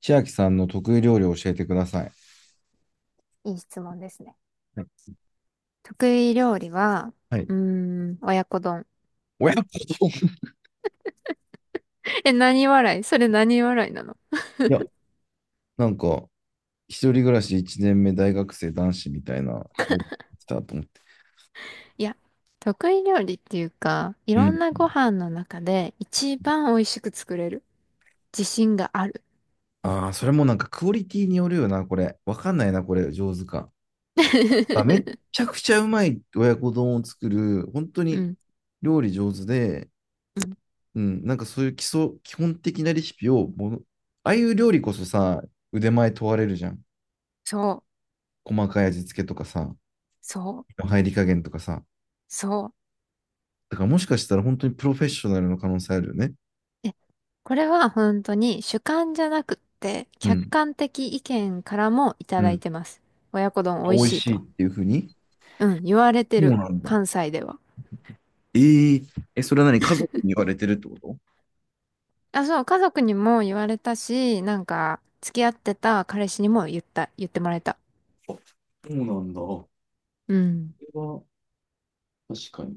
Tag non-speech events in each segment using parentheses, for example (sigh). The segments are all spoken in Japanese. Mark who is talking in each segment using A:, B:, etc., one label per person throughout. A: 千秋さんの得意料理を教えてください。
B: いい質問ですね。得意料理は、
A: はい。
B: うー親子丼。
A: 親子丼。
B: え、何笑い？それ何笑いなの？
A: (laughs) いや、なんか、一人暮らし1年目大学生男子みたいな、来たと思って。
B: いや、得意料理っていうか、い
A: う
B: ろん
A: ん。
B: なご飯の中で一番美味しく作れる。自信がある。
A: ああ、それもなんかクオリティによるよな、これ。わかんないな、これ、上手か。あ、めっ
B: (laughs)
A: ちゃくちゃうまい親子丼を作る、本当
B: う
A: に
B: ん、
A: 料理上手で、
B: うん、
A: うん、なんかそういう基礎、基本的なレシピをもの、ああいう料理こそさ、腕前問われるじゃん。
B: そう、
A: 細かい味付けとかさ、
B: そう、
A: 入り加減とかさ。
B: そ
A: だからもしかしたら本当にプロフェッショナルの可能性あるよね。
B: う。え、これは本当に主観じゃなくって、
A: う
B: 客
A: ん。
B: 観的意見からもい
A: う
B: ただい
A: ん。
B: てます。親子丼
A: 美
B: 美味
A: 味
B: しい
A: しいっ
B: と。
A: ていうふうに。
B: うん、言われて
A: そう
B: る。
A: なんだ。
B: 関西では。
A: えー、え、それは何、家族に言われてるってこ
B: あ、そう、家族にも言われたし、なんか、付き合ってた彼氏にも言ってもらえた。
A: と？そうなんだ。こ
B: うん。
A: れは確かに。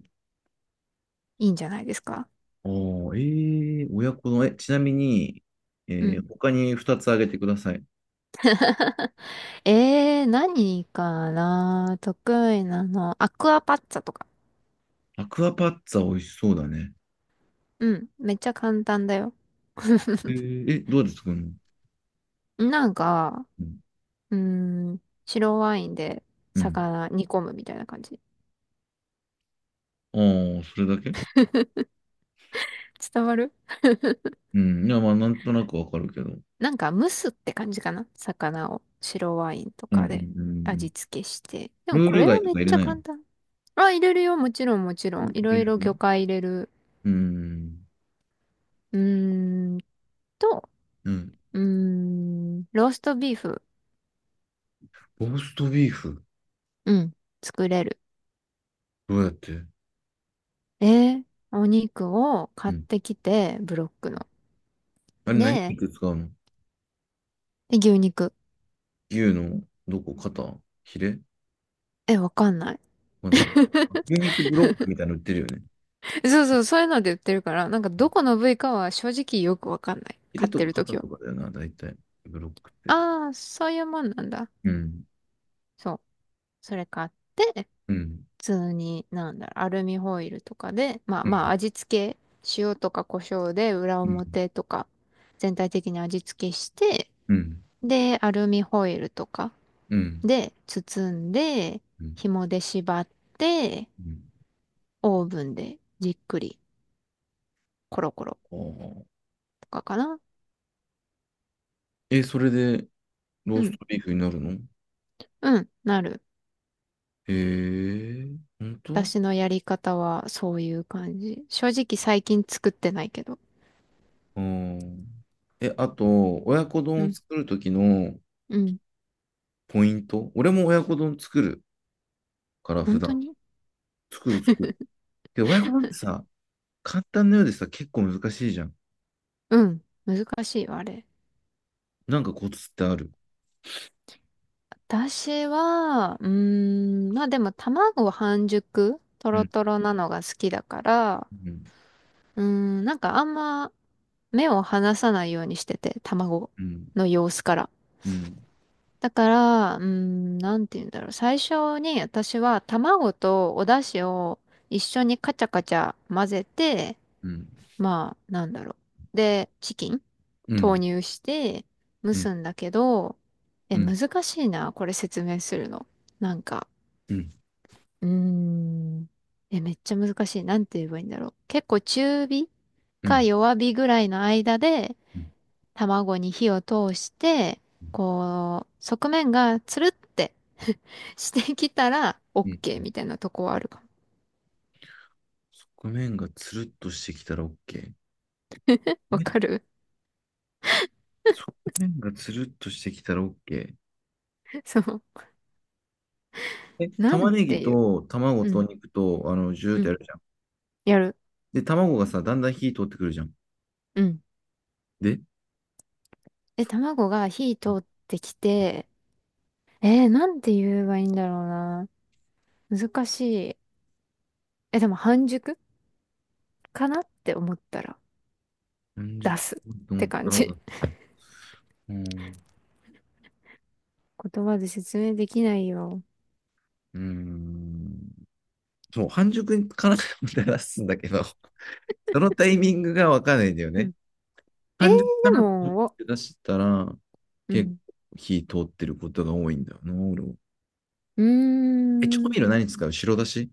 B: いいんじゃないですか？
A: ああー、ええー、親子の、え、ちなみに、
B: う
A: え
B: ん。
A: ー他に2つあげてください。
B: (laughs) 何かな得意なの。アクアパッツァとか。
A: アクアパッツァ美味しそうだね。
B: うん。めっちゃ簡単だよ。
A: え
B: (laughs)
A: ー、え、どうやって作るの？
B: なんか、
A: うん。
B: うー白ワインで
A: うん。
B: 魚煮込むみたいな感じ。
A: ああ、それだけ？
B: 伝わる？
A: うん。いや、まあ、なんとなくわかるけど。うん。
B: なんか蒸すって感じかな、魚を白ワインと
A: うんう
B: か
A: ん
B: で
A: うん。
B: 味付けして。でも
A: ルー
B: こ
A: ル
B: れ
A: 外
B: は
A: と
B: めっ
A: か入れ
B: ちゃ
A: ないの？
B: 簡単。あ、入れるよ。もちろん、もちろ
A: う
B: ん。いろいろ魚
A: ん。
B: 介入れる。
A: うーん。
B: うーんと、
A: うん。
B: ローストビーフ。
A: ローストビーフ。
B: うん、作れる。
A: どうやって？
B: えお肉を
A: う
B: 買っ
A: ん。
B: てきて、ブロックの。
A: あれ何
B: で、
A: 肉使うの？
B: 牛肉。
A: 牛のどこ？肩？ヒレ？
B: え、わかんない。
A: わかんない。
B: (laughs)
A: 牛肉ブロックみたいなの売ってるよね。
B: そうそう、そういうので売ってるから、なんかどこの部位かは正直よくわかんない。
A: ヒレ
B: 買っ
A: と
B: て
A: か
B: ると
A: 肩
B: きは。
A: とかだよな、大体。ブロックって。
B: ああ、そういうもんなんだ。
A: うん。
B: そう。それ買って、
A: うん。
B: 通に、なんだろう、アルミホイルとかで、まあ
A: う
B: まあ
A: ん。
B: 味付け、塩とか胡椒で裏
A: うん。
B: 表とか全体的に味付けして、
A: うん。
B: で、アルミホイルとか
A: うん。
B: で包んで、
A: うん
B: 紐で縛って、
A: うん。
B: オーブンでじっくりコロコロ
A: ああ。
B: とかかな。
A: え、それでロ
B: う
A: ース
B: ん、
A: トビーフになるの？
B: うん、なる。
A: へえ、本当？
B: 私のやり方はそういう感じ。正直最近作ってないけど。
A: うん。え、あと、親子丼
B: う
A: を
B: ん、
A: 作るときの
B: うん。
A: ポイント。俺も親子丼作る。から普
B: 本当
A: 段。
B: に？
A: 作る作る。で親子丼ってさ、簡単なようでさ、結構難しいじゃん。
B: うん。難しいわ、あれ。
A: なんかコツってある？
B: 私は、まあでも卵半熟、ト
A: う
B: ロ
A: ん、
B: トロなのが好きだから、
A: うん、
B: なんかあんま目を離さないようにしてて、卵
A: うん、
B: の様子から。
A: うん、
B: だから、なんて言うんだろう。最初に私は卵とお出汁を一緒にカチャカチャ混ぜて、
A: うん、
B: まあ、なんだろう。で、チキン
A: う
B: 投
A: ん、
B: 入して蒸
A: うん、うん、
B: すんだけど、え、
A: うん、
B: 難しいな、これ説明するの。なんか、
A: うん、
B: うーん。え、めっちゃ難しい。なんて言えばいいんだろう。結構中火か弱火ぐらいの間で
A: うん、
B: 卵に火を通して、こう、側面がつるって (laughs) してきたら
A: うん。
B: OK みたいなとこはあるかも。
A: 側面がつるっとしてきたら OK。
B: わか
A: え、
B: る？
A: 側面がつるっとしてきたら OK。
B: (laughs) そう。
A: え、
B: な
A: 玉
B: ん
A: ねぎ
B: ていう。
A: と卵
B: う
A: と
B: ん。
A: 肉と、あの、ジューっ
B: う
A: てや
B: ん。
A: るじゃん。
B: やる。
A: で、卵がさ、だんだん火通ってくるじゃん。
B: うん。
A: で、
B: で、
A: そ
B: 卵が火通
A: う、
B: ってきて、なんて言えばいいんだろうな。難しい。え、でも半熟かなって思ったら。
A: 半熟
B: 出すっ
A: と思
B: て
A: っ
B: 感
A: たら
B: じ。
A: だ。うん。
B: 言葉で説明できないよ。
A: うーん。もう、半熟かなと思って出すんだけど、(laughs) そのタイミングがわかんないんだよ
B: う
A: ね。
B: ん。えー、
A: 半熟か
B: で
A: なと思っ
B: も、
A: て出したら、
B: う
A: 結構
B: ん。
A: 火通ってることが多いんだよな、俺も。
B: うー
A: え、調味料
B: ん。
A: 何使う？白だし？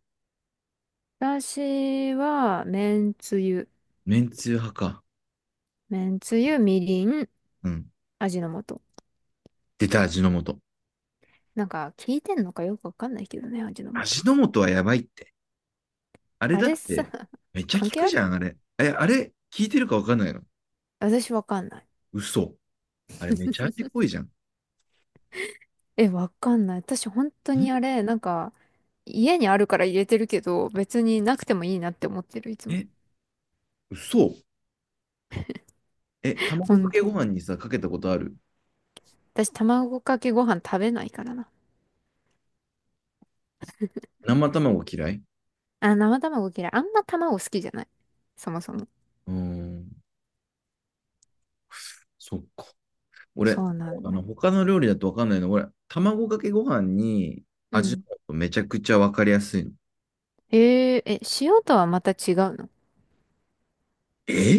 B: 私は、めんつゆ。
A: めんつゆ派か。
B: めんつゆ、みりん、
A: うん。
B: 味の素。
A: 出た、味の素。
B: なんか、聞いてんのかよくわかんないけどね、味の
A: 味
B: 素。
A: の素はやばいって。あれ
B: あ
A: だっ
B: れさ、
A: て、めっちゃ効
B: 関係
A: く
B: あ
A: じゃ
B: る？
A: ん、あれ。え、あれ、効いてるかわかんないの？
B: 私わかんない。
A: 嘘。あれ、めちゃ味濃いじゃん。
B: え、わかんない。私本当にあ
A: ん、
B: れ、なんか、家にあるから入れてるけど、別になくてもいいなって思ってる、いつも。
A: え、嘘。え、
B: ほ
A: 卵か
B: ん
A: けご
B: と。
A: 飯にさ、かけたことある？
B: 私、卵かけご飯食べないからな。
A: 生卵嫌い？
B: あ、生卵嫌い。あんま卵好きじゃない。そもそも。
A: うーん。そっか。俺、
B: そうなん
A: あ
B: だ
A: の、
B: よ。
A: 他の料理だとわかんないの。俺、卵かけご飯に
B: う
A: 味の
B: ん。
A: 素めちゃくちゃわかりやすいの。
B: ええ、塩とはまた違うの？
A: え、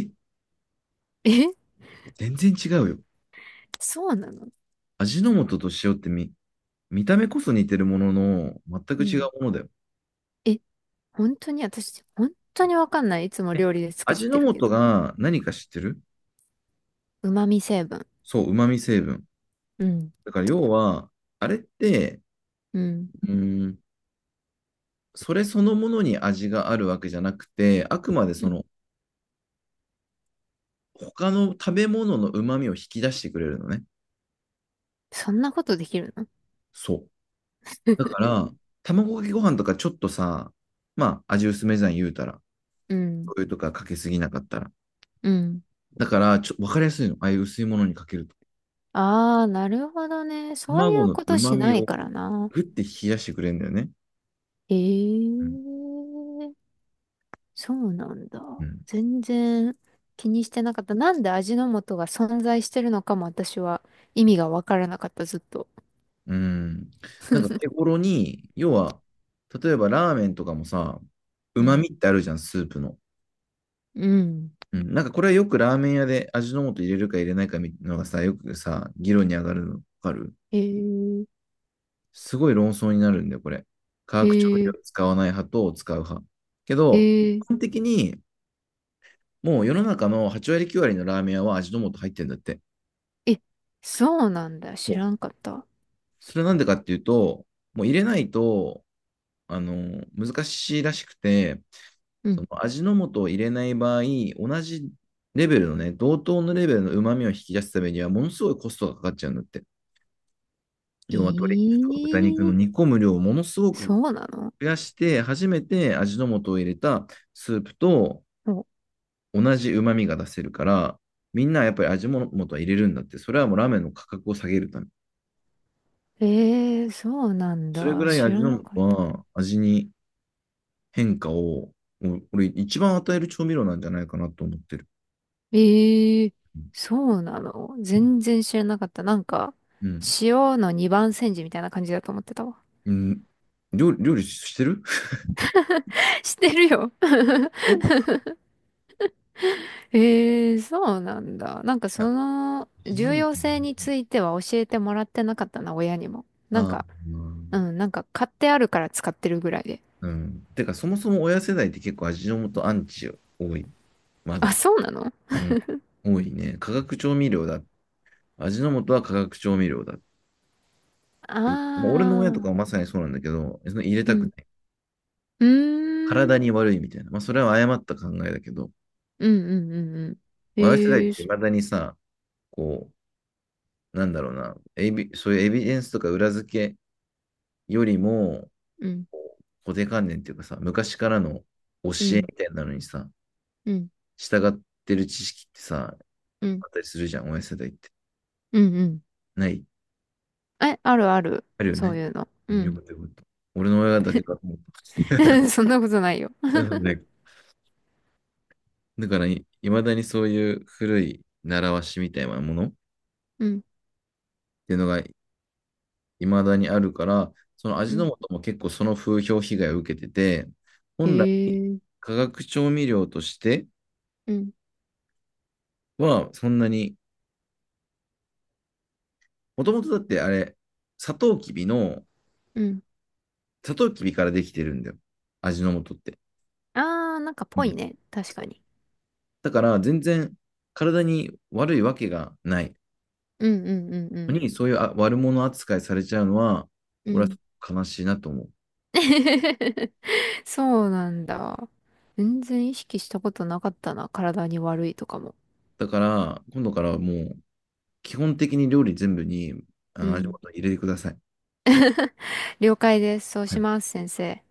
B: (laughs) え、
A: 全然違うよ。
B: そうなの？
A: 味の素と塩ってみ、見た目こそ似てるものの、全く
B: う
A: 違う
B: ん。
A: ものだよ。
B: え、本当に私、本当にわかんない。いつも
A: え、
B: 料理で作っ
A: 味
B: て
A: の
B: るけ
A: 素
B: ど。
A: が何か知ってる？
B: 旨味成分。
A: そう、旨味成分。
B: うん。
A: だから要は、あれって、
B: うん。
A: うーん、それそのものに味があるわけじゃなくて、あくまで
B: う
A: そ
B: ん。
A: の、他の食べ物の旨味を引き出してくれるのね。
B: そんなことできるの？
A: そう。だか
B: (laughs)
A: ら、卵かけご飯とかちょっとさ、まあ、味薄めじゃん言うたら。
B: うん。
A: 醤油とかかけすぎなかったら。
B: うん。
A: だから、ちょ、わかりやすいの。ああいう薄いものにかけると。
B: ああ、なるほどね。そうい
A: 卵
B: う
A: の
B: こと
A: 旨
B: し
A: 味
B: ない
A: を
B: からな。
A: グッて冷やしてくれるんだよね。
B: ええ、そうなんだ。
A: うん。
B: 全然気にしてなかった。なんで味の素が存在してるのかも私は意味がわからなかった、ずっと。
A: うん。なんか手頃に、要は、例えばラーメンとかもさ、
B: う
A: 旨
B: ん。
A: 味ってあるじゃん、スープの。
B: うん。
A: うん。なんかこれはよくラーメン屋で味の素入れるか入れないかみたいなのがさ、よくさ、議論に上がるのわかる？
B: へえ、
A: すごい論争になるんだよ、これ。化学調味
B: へ
A: 料
B: え、
A: を使わない派と使う派。けど、一
B: へえ、
A: 般的に、もう世の中の8割9割のラーメン屋は味の素入ってるんだって。
B: え、そうなんだ。知
A: もう、
B: らんかった。
A: それなんでかっていうと、もう入れないと、あの、難しいらしくて、
B: う
A: そ
B: ん。
A: の味の素を入れない場合、同じレベルのね、同等のレベルの旨味を引き出すためには、ものすごいコストがかかっちゃうんだって。要は鶏肉とか豚肉の
B: ええ、
A: 煮込む量をものすごく
B: そうなの？
A: 増やして、初めて味の素を入れたスープと
B: お、
A: 同じ旨味が出せるから、みんなやっぱり味の素は入れるんだって、それはもうラーメンの価格を下げるため。
B: ええ、そうなん
A: それぐ
B: だ。
A: らい
B: 知
A: 味
B: ら
A: の
B: な
A: 素
B: かった。
A: は味に変化を、もう俺一番与える調味料なんじゃないかなと思ってる。
B: ええ、
A: う
B: そうなの？
A: ん。
B: 全然知らなかった。なんか、
A: うん
B: 塩の二番煎じみたいな感じだと思ってたわ。
A: うん。料理、料理してる？
B: (laughs) してるよ。
A: (laughs) い
B: ええ、そうなんだ。なんか
A: や、
B: その
A: 味の
B: 重
A: 素
B: 要性に
A: ね。
B: ついては教えてもらってなかったな、親にも。なん
A: あ
B: か、
A: あ、
B: うん、なんか買ってあるから使ってるぐらいで。
A: うん。てか、そもそも親世代って結構味の素アンチ多い。ま
B: あ、
A: だ。
B: そうなの？あ
A: うん。多いね。化学調味料だ。味の素は化学調味料だって
B: あ
A: 言って。まあ俺の親とかはま
B: ー、
A: さにそうなんだけど、その入れ
B: う
A: たく
B: ん。
A: ない。
B: うー
A: 体
B: ん。
A: に悪いみたいな。まあ、それは誤った考えだけど、
B: うんうんうんうん。
A: まあ親世代っ
B: ええ、
A: て
B: そ
A: 未だにさ、こう、なんだろうな、エビ、そういうエビデンスとか裏付けよりも、
B: うん、
A: こう固定観念っていうかさ、昔からの教
B: う
A: え
B: ん、
A: みたいなのにさ、
B: うん、
A: 従ってる知識ってさ、
B: うん、
A: あったりするじゃん、親世代って。
B: うん、うん。
A: ない？
B: え、あるある。
A: あるよ
B: そう
A: ね。
B: いうの。
A: う
B: う
A: ん、よか
B: ん。
A: ったよかった。俺の親だけかと思った。
B: (laughs) そんなことないよ。
A: (laughs) なのでだからい、まだにそういう古い習わしみたいなものっ
B: うん、
A: ていうのがいまだにあるから、その
B: う
A: 味の
B: ん。
A: 素も結構その風評被害を受けてて、
B: え
A: 本来
B: え、
A: 化学調味料として
B: うん、
A: はそんなに、もともとだってあれ、サトウキビの、
B: うん。
A: サトウキビからできてるんだよ。味の素って。
B: ああ、なんか
A: う
B: ぽい
A: ん。
B: ね。確かに。
A: だから全然体に悪いわけがない
B: うんうんうんう
A: の
B: ん。
A: に、そういうあ悪者扱いされちゃうのは、
B: う
A: 俺は
B: ん
A: 悲しいなと思う。
B: (laughs) そうなんだ。全然意識したことなかったな。体に悪いとかも。
A: だから、今度からもう基本的に料理全部に、あ
B: う
A: の、味
B: ん。
A: ごと入れてください。
B: 了解です。そう
A: は
B: し
A: い。
B: ます、先生。